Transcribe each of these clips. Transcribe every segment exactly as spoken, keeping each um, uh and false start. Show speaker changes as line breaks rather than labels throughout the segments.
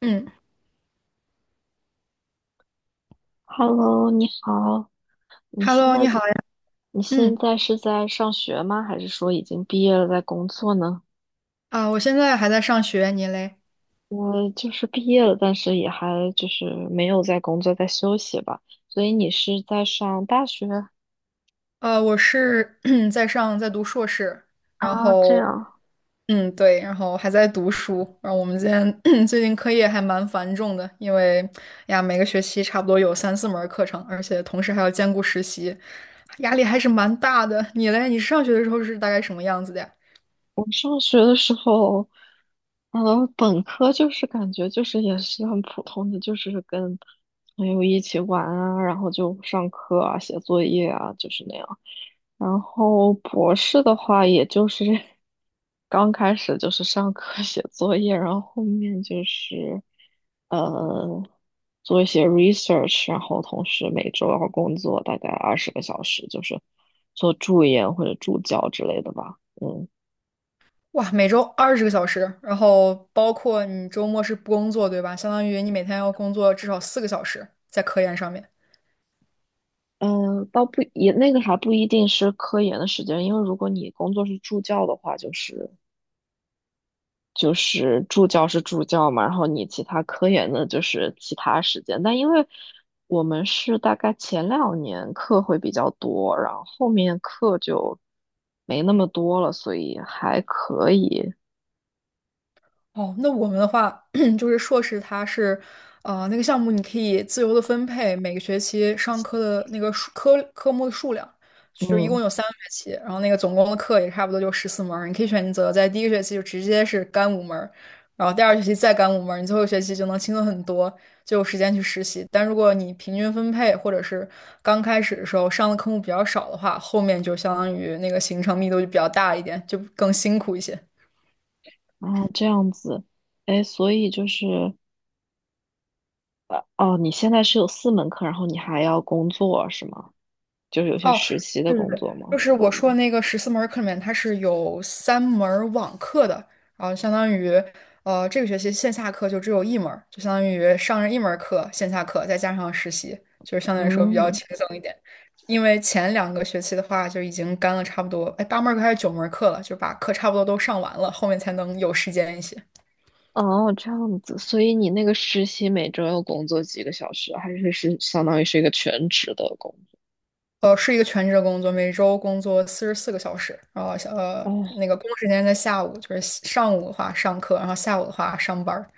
嗯
Hello，你好，你现
，Hello，你
在
好呀。
你现
嗯
在是在上学吗？还是说已经毕业了在工作呢？
啊，我现在还在上学，你嘞？
我就是毕业了，但是也还就是没有在工作，在休息吧。所以你是在上大学？
呃，我是 在上在读硕士，然
啊，这
后
样。
嗯对，然后还在读书。然后我们今天 最近课业还蛮繁重的，因为哎呀每个学期差不多有三四门儿课程，而且同时还要兼顾实习，压力还是蛮大的。你嘞？你上学的时候是大概什么样子的呀？
我上学的时候，呃，本科就是感觉就是也是很普通的，就是跟朋友一起玩啊，然后就上课啊、写作业啊，就是那样。然后博士的话，也就是 刚开始就是上课 写作业，然后后面就是呃做一些 research，然后同时每周要工作大概二十个小时，就是做助研或者助教之类的吧。嗯。
哇，每周二十个小时，然后包括你周末是不工作，对吧？相当于你每天要工作至少四个小时在科研上面。
嗯，倒不也那个还不一定是科研的时间，因为如果你工作是助教的话，就是就是助教是助教嘛，然后你其他科研的就是其他时间。但因为我们是大概前两年课会比较多，然后后面课就没那么多了，所以还可以。
哦，那我们的话 就是硕士，它是，呃，那个项目你可以自由的分配每个学期上课的那个数科科目的数量，就是一共
嗯，
有三个学期，然后那个总共的课也差不多就十四门儿，你可以选择在第一个学期就直接是干五门儿，然后第二学期再干五门儿，你最后一学期就能轻松很多，就有时间去实习。但如果你平均分配或者是刚开始的时候上的科目比较少的话，后面就相当于那个行程密度就比较大一点，就更辛苦一些。
然后这样子，哎，所以就是哦，你现在是有四门课，然后你还要工作是吗？就是有些
哦，
实习的
对对
工
对，
作吗？
就是我说的那个十四门儿课里面，它是有三门儿网课的，然后相当于，呃，这个学期线下课就只有一门儿，就相当于上了一门儿课，线下课再加上实习，就是相对来说比较
嗯，
轻松一点。因为前两个学期的话，就已经干了差不多，哎，八门儿课还是九门儿课了，就把课差不多都上完了，后面才能有时间一些。
哦，这样子，所以你那个实习每周要工作几个小时，还是是相当于是一个全职的工
呃，是一个全职的工作，每周工作四十四个小时，然后小呃
作？哦
那个工作时间在下午，就是上午的话上课，然后下午的话上班儿。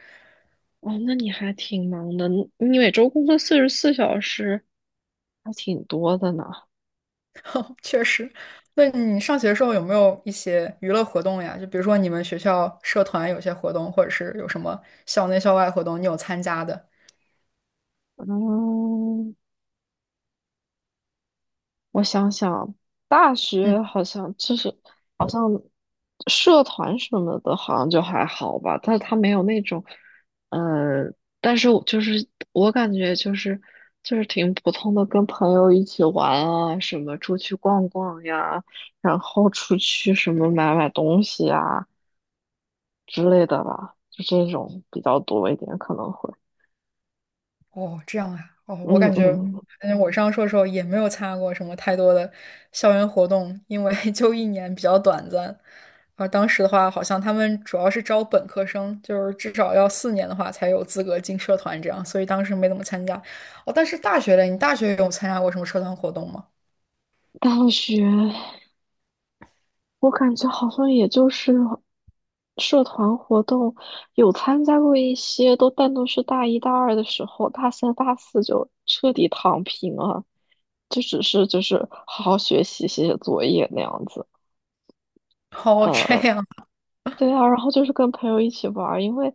哦，那你还挺忙的，你你每周工作四十四小时，还挺多的呢。
确实，那你上学的时候有没有一些娱乐活动呀？就比如说你们学校社团有些活动，或者是有什么校内校外活动，你有参加的？
嗯，我想想，大
嗯。
学好像就是好像社团什么的，好像就还好吧，但是他没有那种，呃，但是我就是我感觉就是就是挺普通的，跟朋友一起玩啊，什么出去逛逛呀，然后出去什么买买东西啊之类的吧，就这种比较多一点，可能会，
哦，这样啊，哦，我
嗯
感觉，
嗯，嗯
反正我上硕的时候也没有参加过什么太多的校园活动，因为 就一年比较短暂。而当时的话，好像他们主要是招本科生，就是至少要四年的话才有资格进社团这样，所以当时没怎么参加。哦，但是大学嘞，你大学有参加过什么社团活动吗？
大学。我感觉好像也就是社团活动有参加过一些，都但都是大一大二的时候，大三大四就彻底躺平了，就只是就是好好学习、写写作业那样子。
哦，这
呃，
样，
对啊，然后就是跟朋友一起玩儿，因为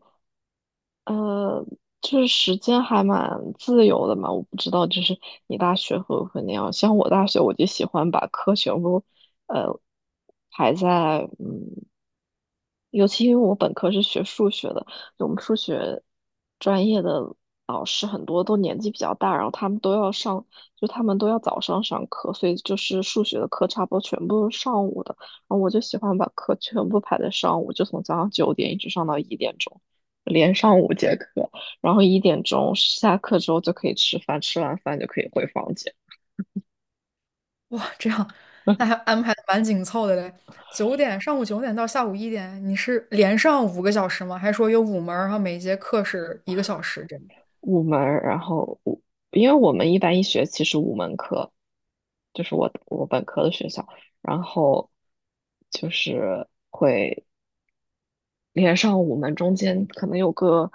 呃，就是时间还蛮自由的嘛，我不知道，就是你大学会不会那样？像我大学，我就喜欢把课全部，呃，排在，嗯，尤其因为我本科是学数学的，我们数学专业的老师很多都年纪比较大，然后他们都要上，就他们都要早上上课，所以就是数学的课差不多全部是上午的，然后我就喜欢把课全部排在上午，就从早上九点一直上到一点钟，连上午。然后一点钟下课之后就可以吃饭，吃完饭就可以回房间。
哇，这样，那还安排的蛮紧凑的嘞。九点，上午九点到下午一点，你是连上五个小时吗？还是说有五门儿然后每节课是一个小时这样？
五门儿然后五，因为我们一般一学期是五门课，就是我我本科的学校，然后就是连上五门，中间可能有个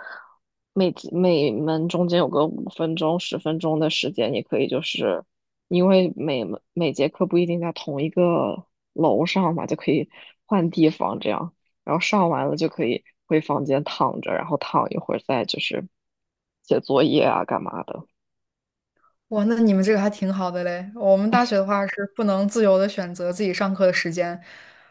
每几每门中间有个五分钟、十分钟的时间，你可以就是因为每门每节课不一定在同一个楼上嘛，就可以换地方这样，然后上完了就可以回房间躺着，然后躺一会儿再就是写作业啊干嘛的。
哇，那你们这个还挺好的嘞。我们大学的话是不能自由的选择自己上课的时间，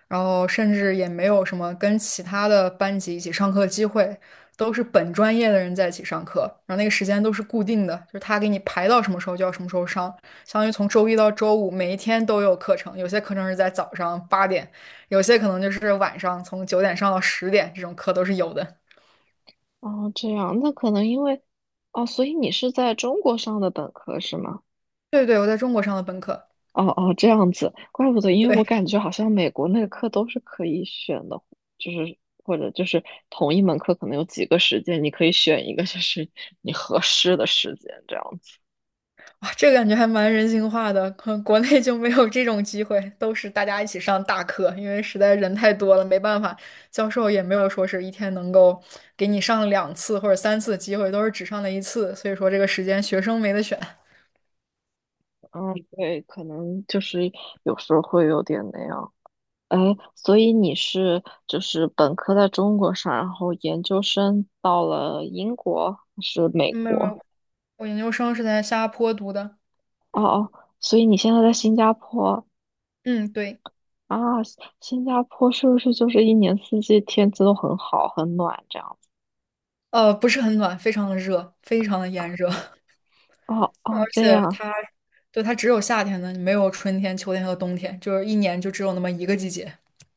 然后甚至也没有什么跟其他的班级一起上课的机会，都是本专业的人在一起上课，然后那个时间都是固定的，就是他给你排到什么时候就要什么时候上，相当于从周一到周五每一天都有课程，有些课程是在早上八点，有些可能就是晚上从九点上到十点，这种课都是有的。
哦，这样，那可能因为哦，所以你是在中国上的本科是吗？
对对，我在中国上的本科。
哦哦，这样子，怪不得，因为
对。
我感觉好像美国那个课都是可以选的，就是或者就是同一门课可能有几个时间，你可以选一个就是你合适的时间这样子。
哇，这个感觉还蛮人性化的，可能国内就没有这种机会，都是大家一起上大课，因为实在人太多了，没办法，教授也没有说是一天能够给你上两次或者三次的机会，都是只上了一次，所以说这个时间学生没得选。
嗯，对，可能就是有时候会有点那样。哎，所以你是就是本科在中国上，然后研究生到了英国还是美
嗯没有没
国？
有，我研究生是在新加坡读的，
哦哦，所以你现在在新加坡，
嗯，对，
啊，新新加坡是不是就是一年四季天气都很好、很暖这样子？
呃，不是很暖，非常的热，非常的炎热，
哦
而
哦，这
且
样。
它对它只有夏天的，没有春天、秋天和冬天，就是一年就只有那么一个季节，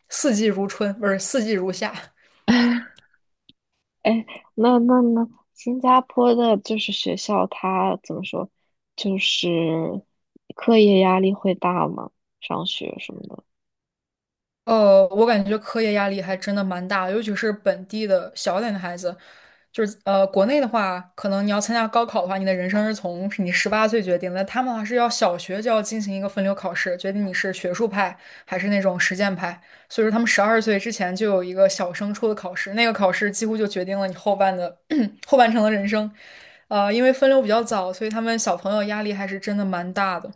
四季如春，不是四季如夏。
哎，那那那，新加坡的就是学校，它怎么说，就是课业压力会大吗？上学什么的。
呃，我感觉课业压力还真的蛮大的，尤其是本地的小点的孩子，就是呃，国内的话，可能你要参加高考的话，你的人生是从你十八岁决定的，他们的话是要小学就要进行一个分流考试，决定你是学术派还是那种实践派，所以说他们十二岁之前就有一个小升初的考试，那个考试几乎就决定了你后半的 后半程的人生，呃，因为分流比较早，所以他们小朋友压力还是真的蛮大的。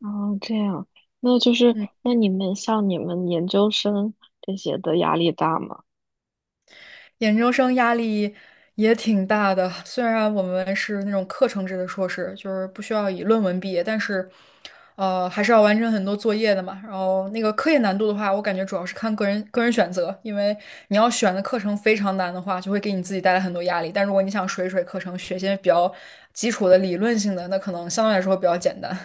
哦，这样，那就是
嗯。
那你们像你们研究生这些的压力大吗？
研究生压力也挺大的，虽然我们是那种课程制的硕士，就是不需要以论文毕业，但是，呃，还是要完成很多作业的嘛。然后那个科研难度的话，我感觉主要是看个人个人选择，因为你要选的课程非常难的话，就会给你自己带来很多压力。但如果你想水水课程，学些比较基础的理论性的，那可能相对来说比较简单。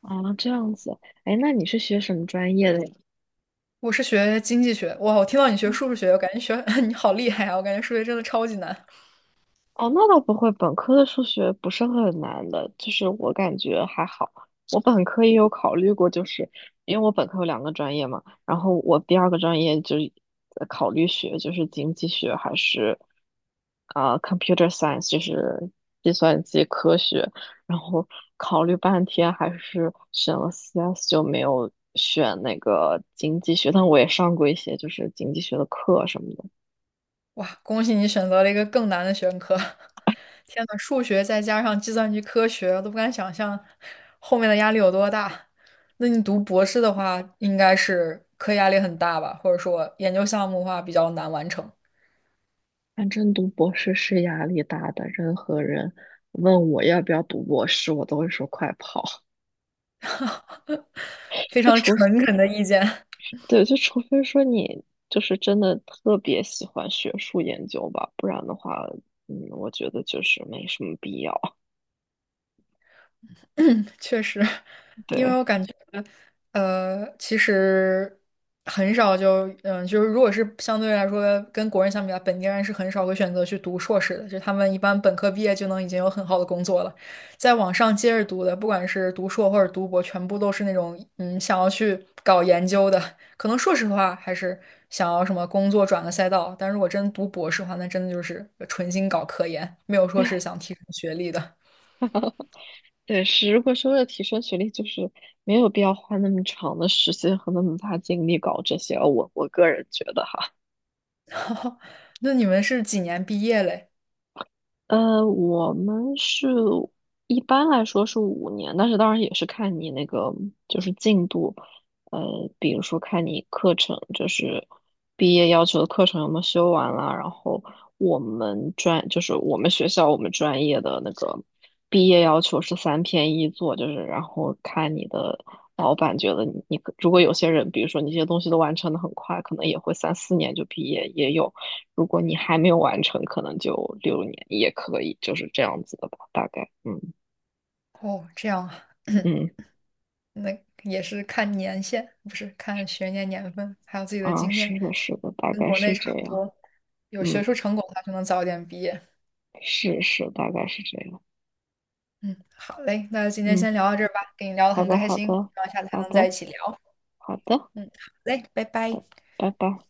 啊，这样子。哎，那你是学什么专业的呀？
我是学经济学，哇，我听到你学数学，我感觉学 你好厉害啊！我感觉数学真的超级难。
哦，那倒不会，本科的数学不是很难的，就是我感觉还好。我本科也有考虑过，就是因为我本科有两个专业嘛，然后我第二个专业就是呃考虑学，就是经济学还是啊、呃 computer science，就是计算机科学，然后考虑半天还是选了 C S，就没有选那个经济学，但我也上过一些就是经济学的课什么的。
哇，恭喜你选择了一个更难的学科！天呐，数学再加上计算机科学，我都不敢想象后面的压力有多大。那你读博士的话，应该是课业压力很大吧？或者说研究项目的话比较难完成。
反正读博士是压力大的，任何人问我要不要读博士，我都会说快跑。
非
就
常
除，
诚恳的意见。
对，就除非说你就是真的特别喜欢学术研究吧，不然的话，嗯，我觉得就是没什么必要。
确实，因为我
对，
感觉，呃，其实很少就，嗯、就是如果是相对来说跟国人相比啊，本地人是很少会选择去读硕士的，就他们一般本科毕业就能已经有很好的工作了，在往上接着读的，不管是读硕或者读博，全部都是那种嗯想要去搞研究的，可能硕士的话还是想要什么工作转个赛道，但如果真读博士的话，那真的就是纯心搞科研，没有说是
唉
想提升学历的。
对，是如果是为了提升学历，就是没有必要花那么长的时间和那么大精力搞这些，我我个人觉得。哈。
那你们是几年毕业嘞？
呃，我们是一般来说是五年，但是当然也是看你那个就是进度，呃，比如说看你课程，就是毕业要求的课程有没有修完啦，然后我们专就是我们学校我们专业的那个毕业要求是三篇一作，就是然后看你的老板觉得你你可如果有些人，比如说你这些东西都完成的很快，可能也会三四年就毕业，也有。如果你还没有完成，可能就六年也可以，就是这样子的吧，大概，嗯
哦，这样啊，
嗯
那也是看年限，不是看学年年份，还有自己的
啊，
经验，
是的，是的，大
跟
概
国内
是
差
这
不
样，
多。有学
嗯，
术成果的话就能早点毕业。
是是，大概是这样，
嗯，好嘞，那今天
嗯，
先聊到这儿吧，跟你聊得
好
很
的，
开
好
心，希
的，
望下次还
好
能在
的，
一起聊。
好的，
嗯，好嘞，拜
拜
拜。
拜拜。